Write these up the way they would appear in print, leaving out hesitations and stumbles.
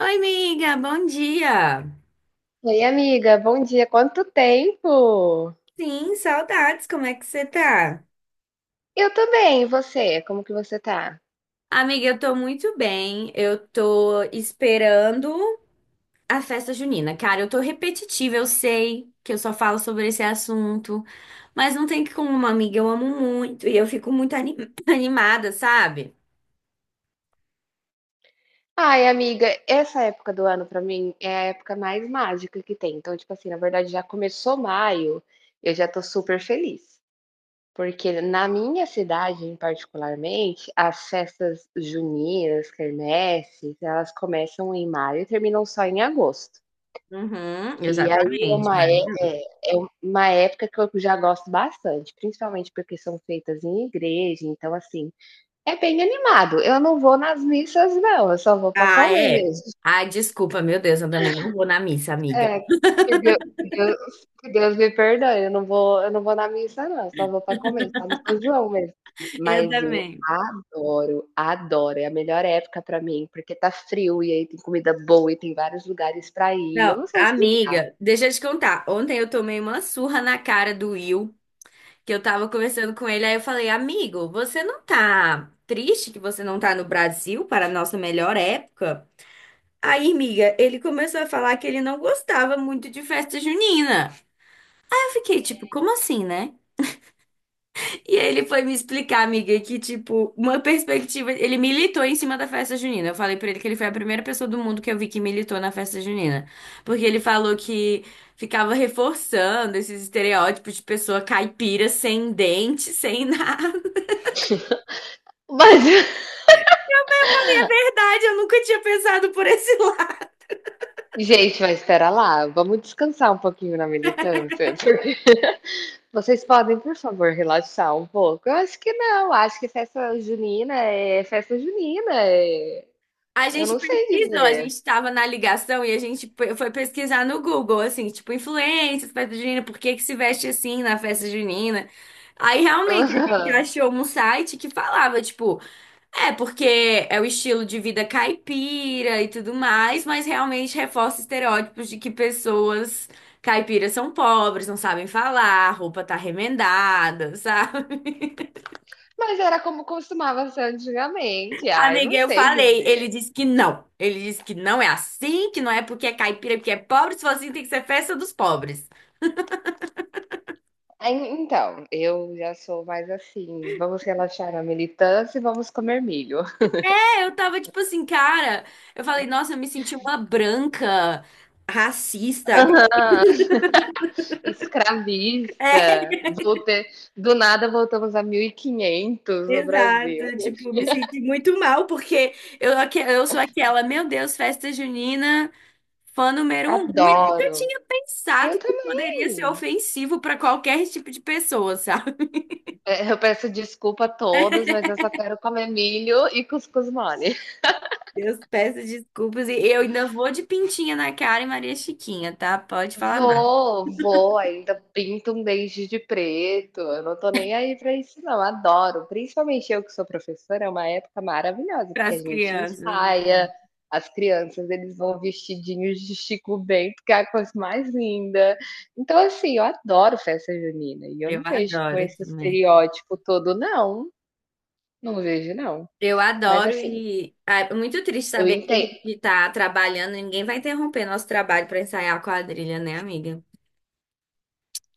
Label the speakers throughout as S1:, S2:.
S1: Oi, amiga, bom dia.
S2: Oi, amiga, bom dia. Quanto tempo?
S1: Sim, saudades, como é que você tá?
S2: Eu também, e você? Como que você tá?
S1: Amiga, eu tô muito bem. Eu tô esperando a festa junina. Cara, eu tô repetitiva, eu sei que eu só falo sobre esse assunto, mas não tem como, amiga. Eu amo muito e eu fico muito animada, sabe?
S2: Ai, amiga, essa época do ano pra mim é a época mais mágica que tem. Então, tipo assim, na verdade já começou maio, eu já tô super feliz. Porque na minha cidade, em particularmente, as festas juninas, quermesses, elas começam em maio e terminam só em agosto.
S1: Uhum,
S2: E aí é
S1: exatamente.
S2: uma é
S1: Maravilhoso.
S2: é é um, uma época que eu já gosto bastante, principalmente porque são feitas em igreja, então assim, é bem animado. Eu não vou nas missas não, eu só vou para
S1: Ah,
S2: comer
S1: é.
S2: mesmo.
S1: Ah, desculpa, meu Deus, eu também não vou na missa, amiga.
S2: É, que Deu que Deus que Deus me perdoe, eu não vou na missa não, eu só vou para comer, só no São João mesmo.
S1: Eu
S2: Mas eu
S1: também.
S2: adoro, adoro, é a melhor época para mim, porque tá frio e aí tem comida boa e tem vários lugares para ir, eu
S1: Não,
S2: não sei se
S1: amiga, deixa eu te contar. Ontem eu tomei uma surra na cara do Will, que eu tava conversando com ele, aí eu falei, amigo, você não tá triste que você não tá no Brasil para a nossa melhor época? Aí, amiga, ele começou a falar que ele não gostava muito de festa junina. Aí eu fiquei tipo, como assim, né? E aí ele foi me explicar, amiga, que, tipo, uma perspectiva. Ele militou em cima da festa junina. Eu falei pra ele que ele foi a primeira pessoa do mundo que eu vi que militou na festa junina. Porque ele falou que ficava reforçando esses estereótipos de pessoa caipira, sem dente, sem nada.
S2: mas
S1: Na verdade, eu nunca tinha pensado por esse lado.
S2: gente, mas espera lá, vamos descansar um pouquinho na militância, porque vocês podem, por favor, relaxar um pouco? Eu acho que não, acho que festa junina é festa junina, é
S1: A
S2: eu
S1: gente
S2: não sei
S1: pesquisou, a gente
S2: dizer.
S1: estava na ligação e a gente foi pesquisar no Google, assim, tipo, influências, festa junina, por que que se veste assim na festa junina? Aí realmente a gente achou um site que falava, tipo, é porque é o estilo de vida caipira e tudo mais, mas realmente reforça estereótipos de que pessoas caipiras são pobres, não sabem falar, roupa tá remendada, sabe?
S2: Mas era como costumava ser antigamente. Ah, eu
S1: Amiga,
S2: não
S1: eu
S2: sei
S1: falei, ele
S2: dizer.
S1: disse que não. Ele disse que não é assim, que não é porque é caipira, é porque é pobre, se for assim tem que ser festa dos pobres.
S2: Ah, então, eu já sou mais assim, vamos relaxar na militância e vamos comer milho.
S1: É, eu tava tipo assim, cara, eu falei, nossa, eu me senti uma branca racista agora.
S2: Escravista, do nada voltamos a 1500
S1: É,
S2: no Brasil.
S1: exato, tipo, me senti muito mal, porque eu, eu sou aquela, meu Deus, festa junina, fã número um, e eu nunca
S2: Adoro.
S1: tinha
S2: Eu
S1: pensado que poderia ser
S2: também.
S1: ofensivo pra qualquer tipo de pessoa, sabe?
S2: Eu peço desculpa a todos, mas eu só quero comer milho e cuscuz mole.
S1: Deus peça desculpas e eu ainda vou de pintinha na cara e Maria Chiquinha, tá? Pode falar mais
S2: Vou, vou, ainda pinto um dente de preto, eu não tô nem aí pra isso não, adoro. Principalmente eu que sou professora, é uma época maravilhosa,
S1: para
S2: porque a
S1: as
S2: gente
S1: crianças.
S2: ensaia, as crianças, eles vão vestidinhos de Chico Bento, que é a coisa mais linda. Então, assim, eu adoro festa junina e eu
S1: Eu
S2: não vejo com
S1: adoro
S2: esse
S1: também.
S2: estereótipo todo não, não vejo não.
S1: Eu
S2: Mas
S1: adoro
S2: assim,
S1: e ah, é muito triste
S2: eu
S1: saber que a
S2: entendo
S1: gente tá trabalhando e ninguém vai interromper nosso trabalho para ensaiar a quadrilha, né, amiga?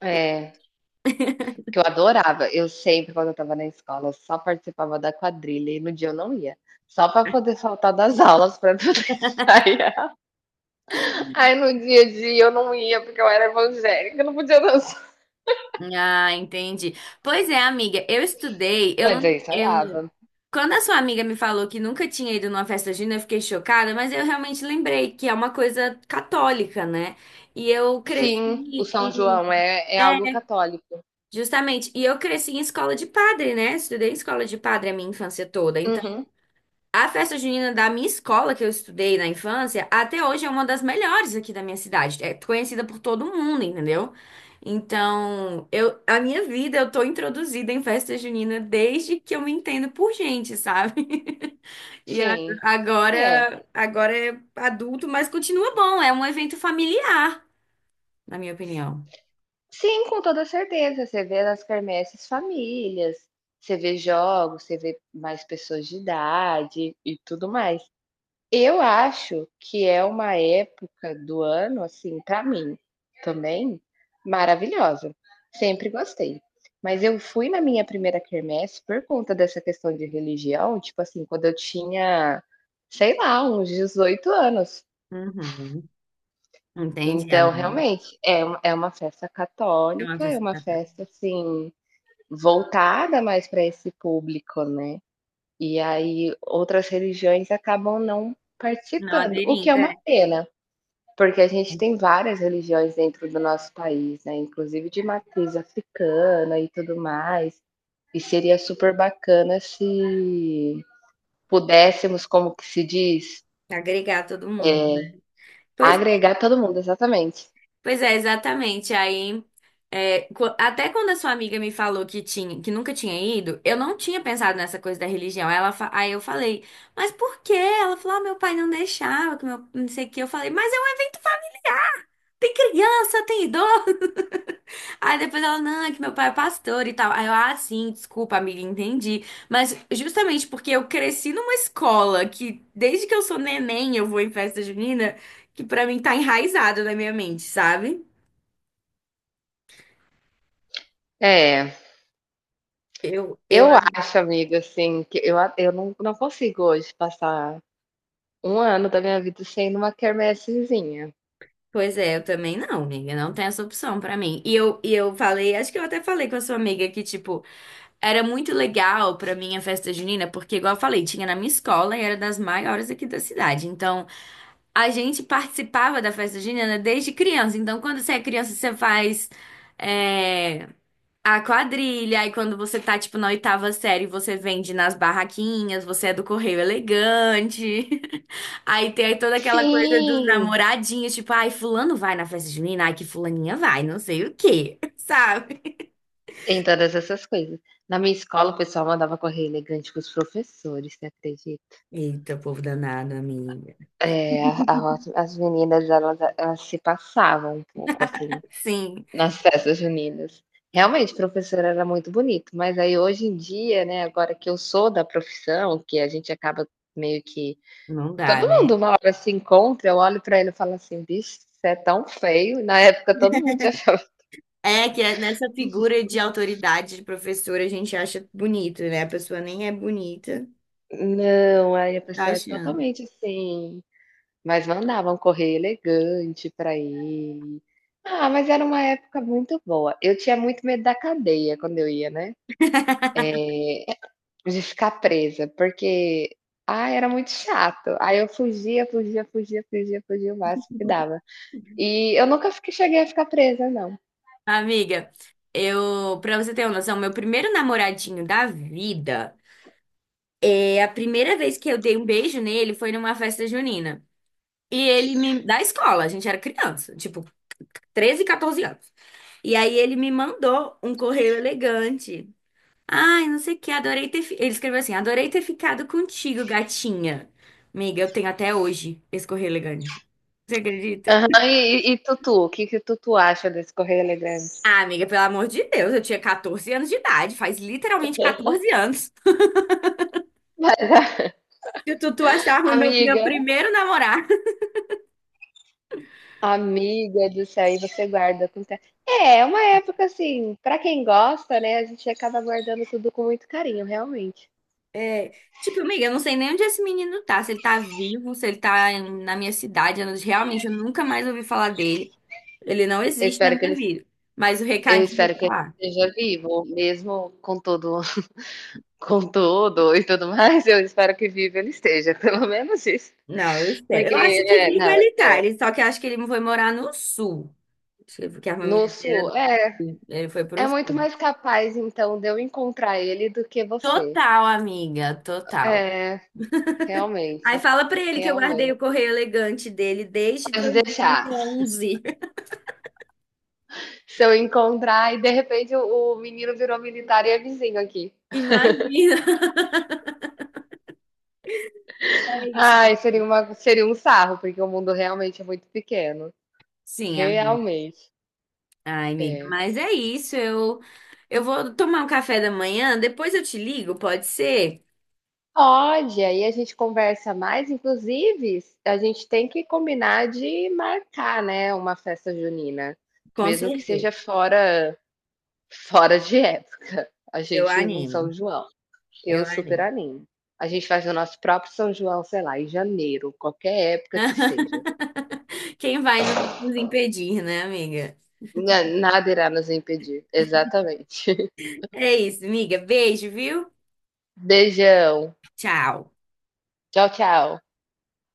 S2: é, que eu adorava, eu sempre quando eu estava na escola eu só participava da quadrilha e no dia eu não ia, só para poder faltar das aulas para poder ensaiar. Aí no dia a dia eu não ia porque eu era evangélica, eu não podia dançar,
S1: Ah, entendi. Pois é, amiga, eu estudei, eu
S2: mas eu
S1: não, eu
S2: ensaiava.
S1: Quando a sua amiga me falou que nunca tinha ido numa festa junina, eu fiquei chocada, mas eu realmente lembrei que é uma coisa católica, né? E eu cresci
S2: Sim, o São João é algo católico.
S1: Justamente. E eu cresci em escola de padre, né? Estudei em escola de padre a minha infância toda. Então,
S2: Uhum,
S1: a festa junina da minha escola que eu estudei na infância, até hoje é uma das melhores aqui da minha cidade. É conhecida por todo mundo, entendeu? Então, eu, a minha vida, eu tô introduzida em festa junina desde que eu me entendo por gente, sabe? E a-
S2: sim. É,
S1: agora, agora é adulto, mas continua bom. É um evento familiar, na minha opinião.
S2: sim, com toda certeza, você vê nas quermesses famílias, você vê jogos, você vê mais pessoas de idade e tudo mais. Eu acho que é uma época do ano, assim, pra mim também, maravilhosa. Sempre gostei. Mas eu fui na minha primeira quermesse por conta dessa questão de religião, tipo assim, quando eu tinha, sei lá, uns 18 anos.
S1: Uhum. Entende,
S2: Então,
S1: amiga?
S2: realmente, é uma festa
S1: É uma
S2: católica, é uma
S1: festa.
S2: festa, assim, voltada mais para esse público, né. E aí outras religiões acabam não
S1: Não
S2: participando, o que é
S1: aderindo,
S2: uma
S1: é.
S2: pena, porque a gente tem várias religiões dentro do nosso país, né, inclusive de matriz africana e tudo mais, e seria super bacana se pudéssemos, como que se diz?
S1: Agregar todo mundo.
S2: Eh,
S1: Pois é,
S2: Agregar todo mundo, exatamente.
S1: pois é, exatamente. Aí, é, até quando a sua amiga me falou que tinha, que nunca tinha ido, eu não tinha pensado nessa coisa da religião. Aí ela, aí eu falei, mas por quê? Ela falou, ah, meu pai não deixava, que meu, não sei o quê. Eu falei, mas eu era criança, tem idoso. Aí depois ela, não, é que meu pai é pastor e tal. Aí eu, ah, sim, desculpa, amiga, entendi. Mas justamente porque eu cresci numa escola que, desde que eu sou neném, eu vou em festa junina, que pra mim tá enraizado na minha mente, sabe?
S2: É,
S1: Eu, eu,
S2: eu acho, amiga, assim, que eu não consigo hoje passar um ano da minha vida sem ir em uma quermessezinha.
S1: pois é, eu também não, amiga, não tem essa opção pra mim. E eu falei, acho que eu até falei com a sua amiga que, tipo, era muito legal pra mim a festa junina, porque, igual eu falei, tinha na minha escola e era das maiores aqui da cidade. Então, a gente participava da festa junina desde criança. Então, quando você é criança, você faz é, a quadrilha. E quando você tá, tipo, na oitava série, você vende nas barraquinhas, você é do Correio Elegante. Aí tem aí toda aquela coisa dos
S2: Sim,
S1: namoradinhos, tipo, ai, fulano vai na festa junina, ai, que fulaninha vai, não sei o quê, sabe?
S2: tem todas essas coisas. Na minha escola o pessoal mandava correr elegante com os professores, você acredita?
S1: Eita, povo danado, amiga.
S2: É, a as as meninas elas se passavam um pouco, assim,
S1: Sim,
S2: nas festas juninas. Realmente, professor era muito bonito, mas aí hoje em dia, né, agora que eu sou da profissão, que a gente acaba meio que
S1: não dá,
S2: todo mundo
S1: né?
S2: uma hora se encontra, eu olho pra ele e falo assim: "Bicho, você é tão feio", na época todo mundo te achava
S1: É que é nessa figura de autoridade de professor a gente acha bonito, né? A pessoa nem é bonita,
S2: não, aí a
S1: tá
S2: pessoa é
S1: achando.
S2: totalmente assim. Mas mandavam correr elegante pra ir. Ah, mas era uma época muito boa. Eu tinha muito medo da cadeia quando eu ia, né, de ficar presa, porque, ah, era muito chato. Aí eu fugia o máximo que dava. E eu nunca fiquei cheguei a ficar presa não.
S1: Amiga, eu, pra você ter uma noção, meu primeiro namoradinho da vida, é a primeira vez que eu dei um beijo nele foi numa festa junina. E ele me, da escola, a gente era criança, tipo, 13, 14 anos. E aí ele me mandou um correio elegante. Ai, não sei o que, adorei ter. Ele escreveu assim: adorei ter ficado contigo, gatinha. Amiga, eu tenho até hoje esse correio elegante. Você acredita?
S2: Aham. E tutu, o que que o tutu acha desse correr elegante?
S1: Ah, amiga, pelo amor de Deus, eu tinha 14 anos de idade, faz literalmente 14 anos.
S2: Mas,
S1: Se tu, tu achar ruim meu, meu
S2: amiga,
S1: primeiro namorado.
S2: amiga do céu, e você guarda com ca é, é uma época assim, pra quem gosta, né, a gente acaba guardando tudo com muito carinho, realmente.
S1: É, tipo, amiga, eu não sei nem onde esse menino tá, se ele tá vivo, se ele tá na minha cidade, eu realmente eu nunca mais ouvi falar dele. Ele não
S2: Eu
S1: existe na
S2: espero que
S1: minha
S2: eles
S1: vida. Mas o
S2: eu
S1: recadinho
S2: espero que
S1: tá
S2: ele
S1: lá.
S2: esteja vivo, mesmo com todo com tudo e tudo mais, eu espero que vivo ele esteja, pelo menos isso.
S1: Não, eu espero. Eu
S2: Porque,
S1: acho que
S2: né,
S1: vivo
S2: na
S1: ele tá. Ele, só que eu acho que ele foi morar no sul. Acho que é porque a família
S2: no
S1: dele era
S2: sul é,
S1: ele foi pro
S2: é muito
S1: sul.
S2: mais capaz, então, de eu encontrar ele do que você.
S1: Total, amiga, total.
S2: É,
S1: Aí
S2: realmente,
S1: fala pra ele que eu guardei
S2: realmente.
S1: o correio elegante dele desde
S2: Pode
S1: dois mil
S2: deixar.
S1: e onze.
S2: Se eu encontrar e de repente o menino virou militar e é vizinho aqui.
S1: Imagina. É isso.
S2: Ai, seria um sarro, porque o mundo realmente é muito pequeno.
S1: Sim, am-
S2: Realmente.
S1: ai, amiga.
S2: É.
S1: Mas é isso. Eu vou tomar um café da manhã. Depois eu te ligo, pode ser?
S2: Pode, aí a gente conversa mais, inclusive, a gente tem que combinar de marcar, né, uma festa junina,
S1: Com
S2: mesmo que
S1: certeza.
S2: seja fora de época. A
S1: Eu
S2: gente não
S1: animo.
S2: São João.
S1: Eu
S2: Eu super
S1: animo.
S2: animo. A gente faz o nosso próprio São João, sei lá, em janeiro, qualquer época que seja.
S1: Quem vai nos impedir, né, amiga?
S2: Nada irá nos impedir. Exatamente.
S1: É isso, amiga. Beijo, viu?
S2: Beijão.
S1: Tchau.
S2: Tchau, tchau.